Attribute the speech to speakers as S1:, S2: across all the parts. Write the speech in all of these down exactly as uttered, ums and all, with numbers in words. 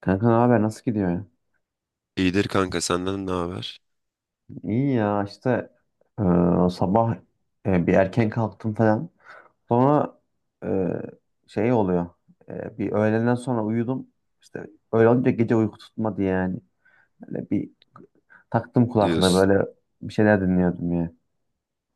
S1: Kanka ne haber? Nasıl gidiyor, ya?
S2: İyidir kanka, senden ne haber
S1: İyi ya işte, e, sabah e, bir erken kalktım falan. Sonra, e, şey oluyor. E, bir öğleden sonra uyudum. İşte öyle olunca gece uyku tutmadı yani. Böyle bir taktım kulaklığı,
S2: diyorsun.
S1: böyle bir şeyler dinliyordum ya.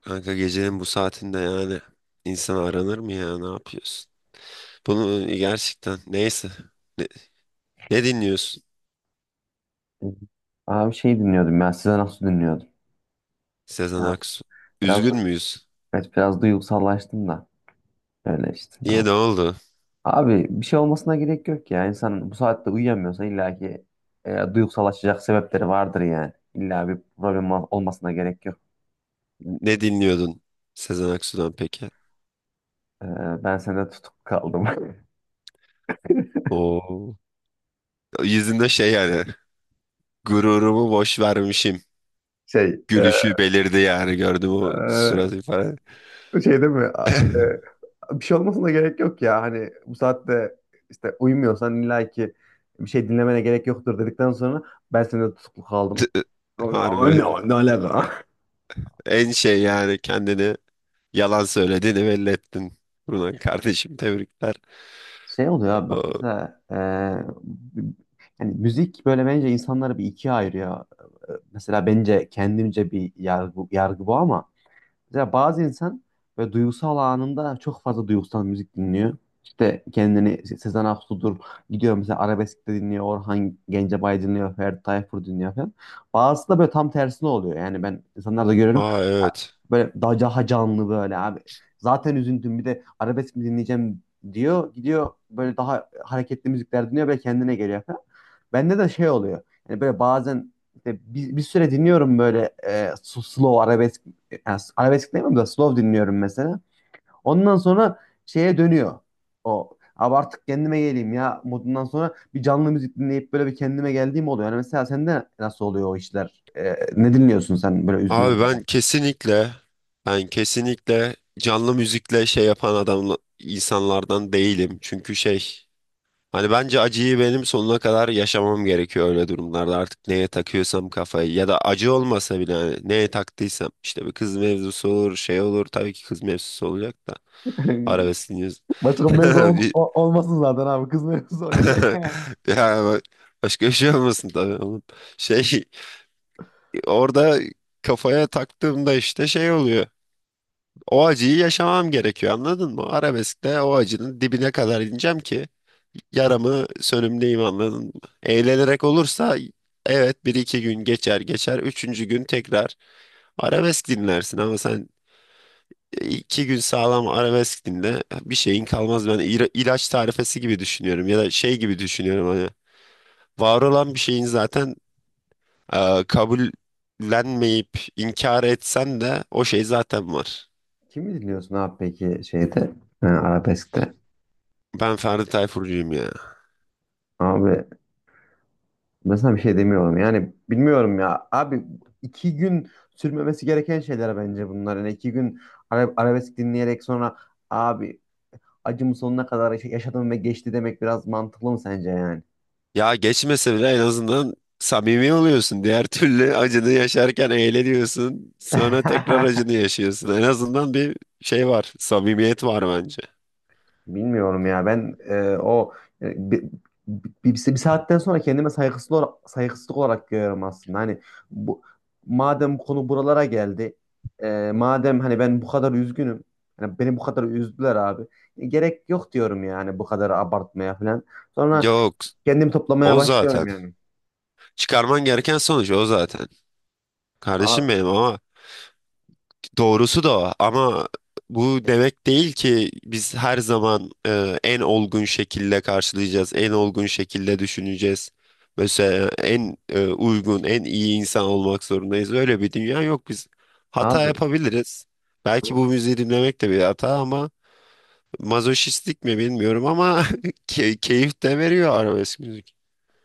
S2: Kanka, gecenin bu saatinde yani insan aranır mı ya, ne yapıyorsun? Bunu gerçekten, neyse. Ne, ne dinliyorsun?
S1: Aa, bir şey dinliyordum ya. Size nasıl dinliyordum?
S2: Sezen
S1: Ya.
S2: Aksu?
S1: Biraz,
S2: Üzgün müyüz?
S1: evet, biraz duygusallaştım da. Öyle işte. Ne
S2: Niye, ne oldu?
S1: Abi bir şey olmasına gerek yok ya. İnsan bu saatte uyuyamıyorsa illa ki e, duygusallaşacak sebepleri vardır yani. İlla bir problem ol- olmasına gerek yok.
S2: Ne dinliyordun Sezen Aksu'dan peki?
S1: E, Ben sende tutuk kaldım.
S2: Oo. Yüzünde şey yani gururumu boş vermişim.
S1: Şey, e,
S2: Gülüşü belirdi yani, gördüm o surat ifade.
S1: e, Şey değil mi? A- e, bir şey olmasına gerek yok ya. Hani bu saatte işte uyumuyorsan illa ki bir şey dinlemene gerek yoktur dedikten sonra ben sende tutuklu kaldım. Abi,
S2: Harbi,
S1: abi,
S2: evet.
S1: Ne, ne alaka?
S2: En şey yani kendini, yalan söylediğini belli ettin. Buradan kardeşim, tebrikler.
S1: Şey oluyor abi bak
S2: Aa.
S1: mesela, e, yani müzik böyle bence insanları bir ikiye ayırıyor. E, Mesela bence kendimce bir yargı, yargı bu ama mesela bazı insan böyle duygusal anında çok fazla duygusal müzik dinliyor. İşte kendini Se- Sezen Aksu'dur gidiyor, mesela arabesk de dinliyor, Orhan Gencebay dinliyor, Ferdi Tayfur dinliyor falan. Bazısı da böyle tam tersine oluyor. Yani ben insanlarda görüyorum,
S2: Aa, evet.
S1: böyle daha, daha canlı böyle abi. Zaten üzüntüm bir de arabesk mi dinleyeceğim diyor. Gidiyor böyle daha hareketli müzikler dinliyor, böyle kendine geliyor falan. Bende de şey oluyor. Yani böyle bazen işte bir, bir süre dinliyorum böyle, e, su- slow arabesk. Yani arabesk demiyorum da slow dinliyorum mesela. Ondan sonra şeye dönüyor. O abi artık kendime geleyim ya modundan sonra bir canlı müzik dinleyip böyle bir kendime geldiğim oluyor. Yani mesela sende nasıl oluyor o işler? E, ne dinliyorsun sen böyle üzgün
S2: Abi
S1: olduğunda?
S2: ben kesinlikle, ben kesinlikle canlı müzikle şey yapan adam, insanlardan değilim. Çünkü şey, hani bence acıyı benim sonuna kadar yaşamam gerekiyor öyle durumlarda. Artık neye takıyorsam kafayı, ya da acı olmasa bile hani neye taktıysam, işte bir kız mevzusu olur, şey olur, tabii ki kız mevzusu olacak da arabeskiniz.
S1: Başka mevzu ol- o- olmasın zaten abi. Kız mevzusu okey.
S2: Yani ba- başka bir şey olmasın tabii oğlum. Şey, orada kafaya taktığımda işte şey oluyor. O acıyı yaşamam gerekiyor, anladın mı? Arabeskte o acının dibine kadar ineceğim ki yaramı sönümleyeyim, anladın mı? Eğlenerek olursa evet, bir iki gün geçer geçer. Üçüncü gün tekrar arabesk dinlersin, ama sen iki gün sağlam arabesk dinle, bir şeyin kalmaz. Ben ila- ilaç tarifesi gibi düşünüyorum, ya da şey gibi düşünüyorum hani. Var olan bir şeyin zaten, e, kabullenmeyip inkar etsen de o şey zaten var.
S1: Kimi dinliyorsun abi peki şeyde, e, arabeskte?
S2: Ben Ferdi Tayfurcuyum ya.
S1: Abi ben sana bir şey demiyorum yani, bilmiyorum ya abi, iki gün sürmemesi gereken şeyler bence bunlar yani. İki gün ara- arabesk dinleyerek sonra abi acımı sonuna kadar yaşadım ve geçti demek biraz mantıklı mı sence yani?
S2: Ya geçmese bile en azından samimi oluyorsun. Diğer türlü acını yaşarken eğleniyorsun. Sonra tekrar acını yaşıyorsun. En azından bir şey var. Samimiyet var bence.
S1: Bilmiyorum ya ben, e, o e, bi- bi- bir, bir saatten sonra kendime saygısızlık olarak, saygısızlık olarak görüyorum aslında. Hani bu, madem bu konu buralara geldi, e, madem hani ben bu kadar üzgünüm, hani beni bu kadar üzdüler abi. E, Gerek yok diyorum yani bu kadar abartmaya falan. Sonra
S2: Yok.
S1: kendimi toplamaya
S2: O
S1: başlıyorum
S2: zaten.
S1: yani.
S2: Çıkarman gereken sonuç o zaten,
S1: Abi,
S2: kardeşim benim. Ama doğrusu da o. Ama bu demek değil ki biz her zaman e, en olgun şekilde karşılayacağız, en olgun şekilde düşüneceğiz. Mesela en e, uygun, en iyi insan olmak zorundayız. Öyle bir dünya yok. Biz hata
S1: abi
S2: yapabiliriz. Belki
S1: tamam.
S2: bu müziği dinlemek de bir hata, ama mazoşistlik mi bilmiyorum, ama key- keyif de veriyor arabesk müzik.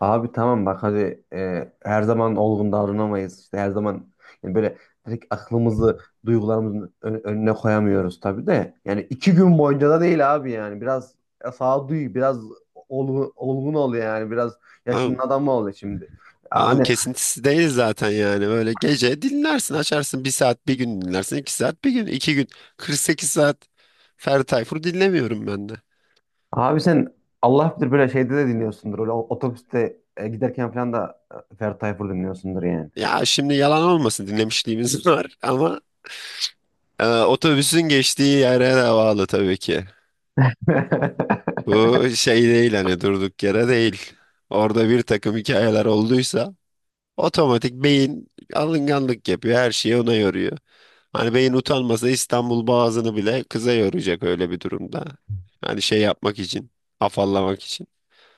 S1: Abi tamam bak, hadi, e, her zaman olgun davranamayız. İşte her zaman yani böyle direkt aklımızı duygularımızın ön- önüne koyamıyoruz tabii de. Yani iki gün boyunca da değil abi yani. Biraz sağduyu, biraz olgun, olgun ol yani. Biraz yaşının adamı ol şimdi.
S2: Tamam,
S1: Hani
S2: kesintisi değil zaten yani. Böyle gece dinlersin, açarsın, bir saat bir gün dinlersin, iki saat bir gün, iki gün, kırk sekiz saat Ferdi Tayfur dinlemiyorum ben de.
S1: abi sen Allah bilir böyle şeyde de dinliyorsundur. Öyle otobüste e, giderken falan da e, Ferdi Tayfur dinliyorsundur yani.
S2: Ya şimdi yalan olmasın, dinlemişliğimiz var, ama e, otobüsün geçtiği yere de bağlı tabii ki. Bu şey değil, hani durduk yere değil. Orada bir takım hikayeler olduysa otomatik beyin alınganlık yapıyor, her şeyi ona yoruyor. Hani beyin utanmasa İstanbul Boğazı'nı bile kıza yoracak öyle bir durumda. Hani şey yapmak için, afallamak için.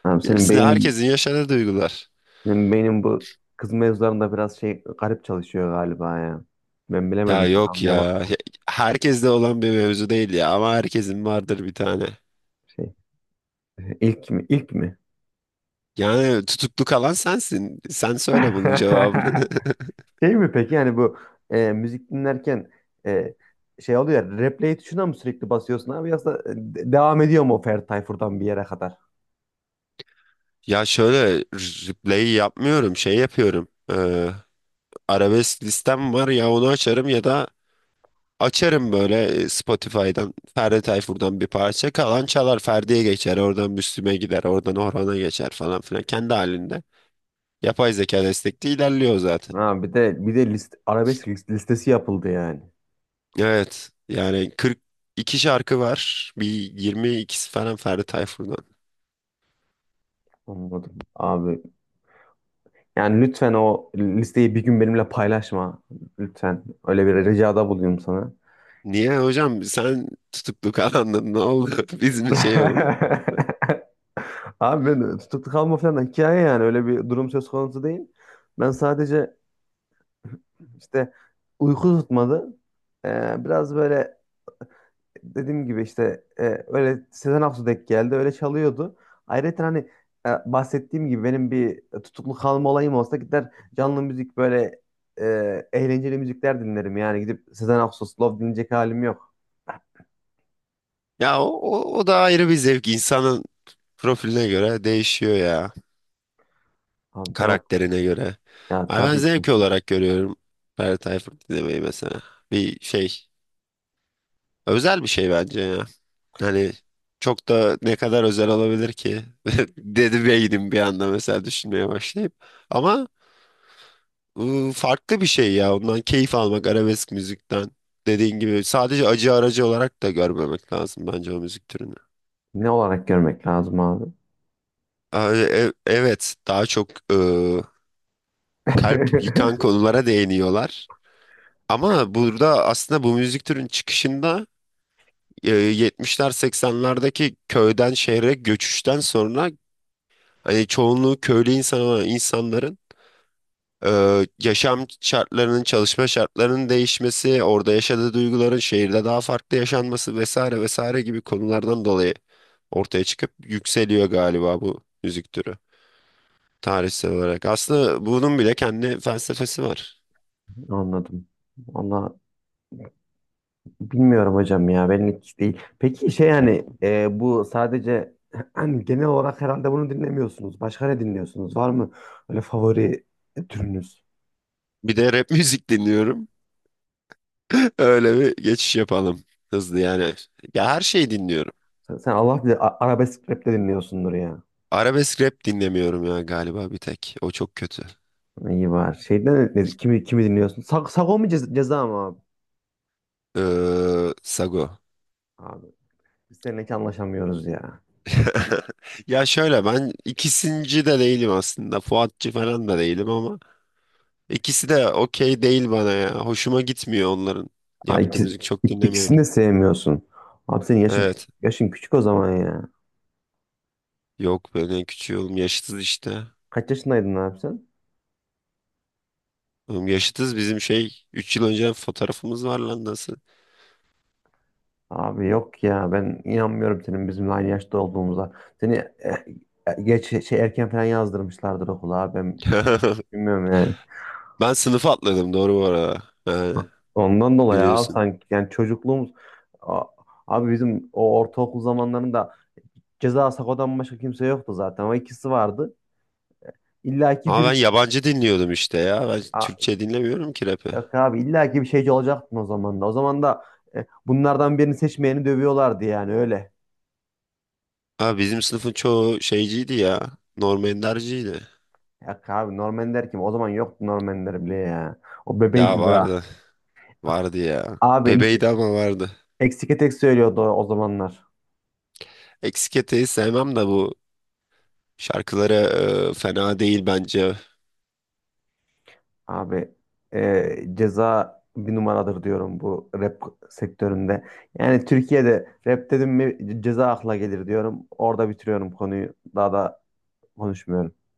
S1: Abi senin
S2: Bilirsin,
S1: beynin,
S2: herkesin yaşadığı duygular.
S1: benim beynim bu kız mevzularında biraz şey, garip çalışıyor galiba ya. Ben
S2: Ya
S1: bilemedim, seni
S2: yok
S1: anlayamadım
S2: ya. Herkeste olan bir mevzu değil ya, ama herkesin vardır bir tane.
S1: şey. İlk mi? İlk mi?
S2: Yani tutuklu kalan sensin. Sen söyle bunun cevabını.
S1: Şey mi peki yani bu, e, müzik dinlerken e, şey oluyor ya, replay tuşuna mı sürekli basıyorsun abi, yoksa e, de- devam ediyor mu o Ferdi Tayfur'dan bir yere kadar?
S2: Ya şöyle, replay yapmıyorum, şey yapıyorum. Ee, arabesk listem var ya, onu açarım, ya da açarım böyle e, Spotify'dan Ferdi Tayfur'dan bir parça. Kalan çalar, Ferdi'ye geçer. Oradan Müslüm'e gider. Oradan Orhan'a geçer falan filan. Kendi halinde. Yapay zeka destekli ilerliyor zaten.
S1: Ha, bir de bir de list, arabesk list- listesi yapıldı yani.
S2: Evet. Yani kırk iki şarkı var. Bir yirmi ikisi falan Ferdi Tayfur'dan.
S1: Anladım. Abi yani lütfen o listeyi bir gün benimle paylaşma. Lütfen. Öyle bir ricada buluyorum sana.
S2: Niye hocam, sen tutuklu kalandın, ne oldu? Biz mi şey olduk?
S1: Abi ben tutuklu kalma falan da hikaye, yani öyle bir durum söz konusu değil. Ben sadece işte uyku tutmadı. Ee, biraz böyle, dediğim gibi işte, e, öyle Sezen Aksu denk geldi, öyle çalıyordu. Ayrıca hani, e, bahsettiğim gibi benim bir tutuklu kalma olayım olsa gider canlı müzik, böyle e, eğlenceli müzikler dinlerim. Yani gidip Sezen Aksu Slow dinleyecek halim yok.
S2: Ya o, o, o da ayrı bir zevk. İnsanın profiline göre değişiyor ya,
S1: Abi ben,
S2: karakterine göre.
S1: ya
S2: Ay ben
S1: tabii ki
S2: zevk olarak görüyorum Ferdi Tayfur dinlemeyi mesela. Bir şey, özel bir şey bence ya. Hani çok da ne kadar özel olabilir ki? Dedi beynim bir anda mesela, düşünmeye başlayıp. Ama ıı, farklı bir şey ya. Ondan keyif almak, arabesk müzikten. Dediğin gibi, sadece acı aracı olarak da görmemek lazım bence o müzik türünü.
S1: ne olarak görmek lazım abi.
S2: Ay, e- e, evet, daha çok ıı, kalp yıkan konulara değiniyorlar. Ama burada aslında bu müzik türünün çıkışında, e, yetmişler seksenlerdeki köyden şehre göçüşten sonra, hani çoğunluğu köylü insan olan insanların, e, yaşam şartlarının, çalışma şartlarının değişmesi, orada yaşadığı duyguların şehirde daha farklı yaşanması vesaire vesaire gibi konulardan dolayı ortaya çıkıp yükseliyor galiba bu müzik türü tarihsel olarak. Aslında bunun bile kendi felsefesi var.
S1: Anladım. Valla bilmiyorum hocam ya, benlik hiç değil. Peki şey yani, e, bu sadece, hani genel olarak herhalde bunu dinlemiyorsunuz. Başka ne dinliyorsunuz? Var mı öyle favori türünüz?
S2: Bir de rap müzik dinliyorum. Öyle bir geçiş yapalım. Hızlı yani. Ya her şeyi dinliyorum.
S1: Sen, sen Allah bilir, a- arabesk rap de dinliyorsundur ya.
S2: Arabesk rap dinlemiyorum ya, galiba bir tek. O çok kötü.
S1: İyi var. Şeyden ne- kimi kimi dinliyorsun? Sag, Sago mu, ceza, ceza mı abi?
S2: Ee, Sago.
S1: Abi biz seninle hiç anlaşamıyoruz ya.
S2: Ya şöyle, ben ikisinci de değilim aslında. Fuatçı falan da değilim, ama ikisi de okey değil bana ya. Hoşuma gitmiyor onların
S1: Ha,
S2: yaptığı
S1: iki-
S2: müzik, çok dinlemiyorum.
S1: ikisini de sevmiyorsun. Abi senin yaşın
S2: Evet.
S1: yaşın küçük o zaman ya.
S2: Yok, ben en küçüğü oğlum, yaşıtız işte.
S1: Kaç yaşındaydın abi sen?
S2: Oğlum yaşıtız, bizim şey üç yıl önce fotoğrafımız var lan, nasıl?
S1: Abi yok ya, ben inanmıyorum senin bizimle aynı yaşta olduğumuza. Seni eh, eh, geç şey, erken falan yazdırmışlardır okula abi, ben bilmiyorum yani.
S2: Ben sınıf atladım doğru, bu arada.
S1: Ondan dolayı abi
S2: Biliyorsun.
S1: sanki yani çocukluğumuz, A- abi bizim o ortaokul zamanlarında ceza Sako'dan başka kimse yoktu zaten, ama ikisi vardı. İlla ki
S2: Ama ben
S1: bir,
S2: yabancı dinliyordum işte ya. Ben
S1: A-
S2: Türkçe dinlemiyorum ki rap'i.
S1: yok abi, illa ki bir şeyci olacaktın o zaman da. O zaman da eh, bunlardan birini seçmeyeni dövüyorlardı yani öyle.
S2: Ha, bizim sınıfın çoğu şeyciydi ya, Norm Ender'ciydi.
S1: Yok abi Norman der kim? O zaman yoktu Normanler bile ya. O
S2: Ya
S1: bebeydi daha.
S2: vardı. Vardı ya.
S1: Abi
S2: Bebeydi ama vardı.
S1: Eksike tek söylüyordu o zamanlar.
S2: Eksik eteği sevmem, de bu şarkıları e, fena değil bence.
S1: Abi, e, ceza bir numaradır diyorum bu rap sektöründe. Yani Türkiye'de rap dedim mi ceza akla gelir diyorum. Orada bitiriyorum konuyu. Daha da konuşmuyorum.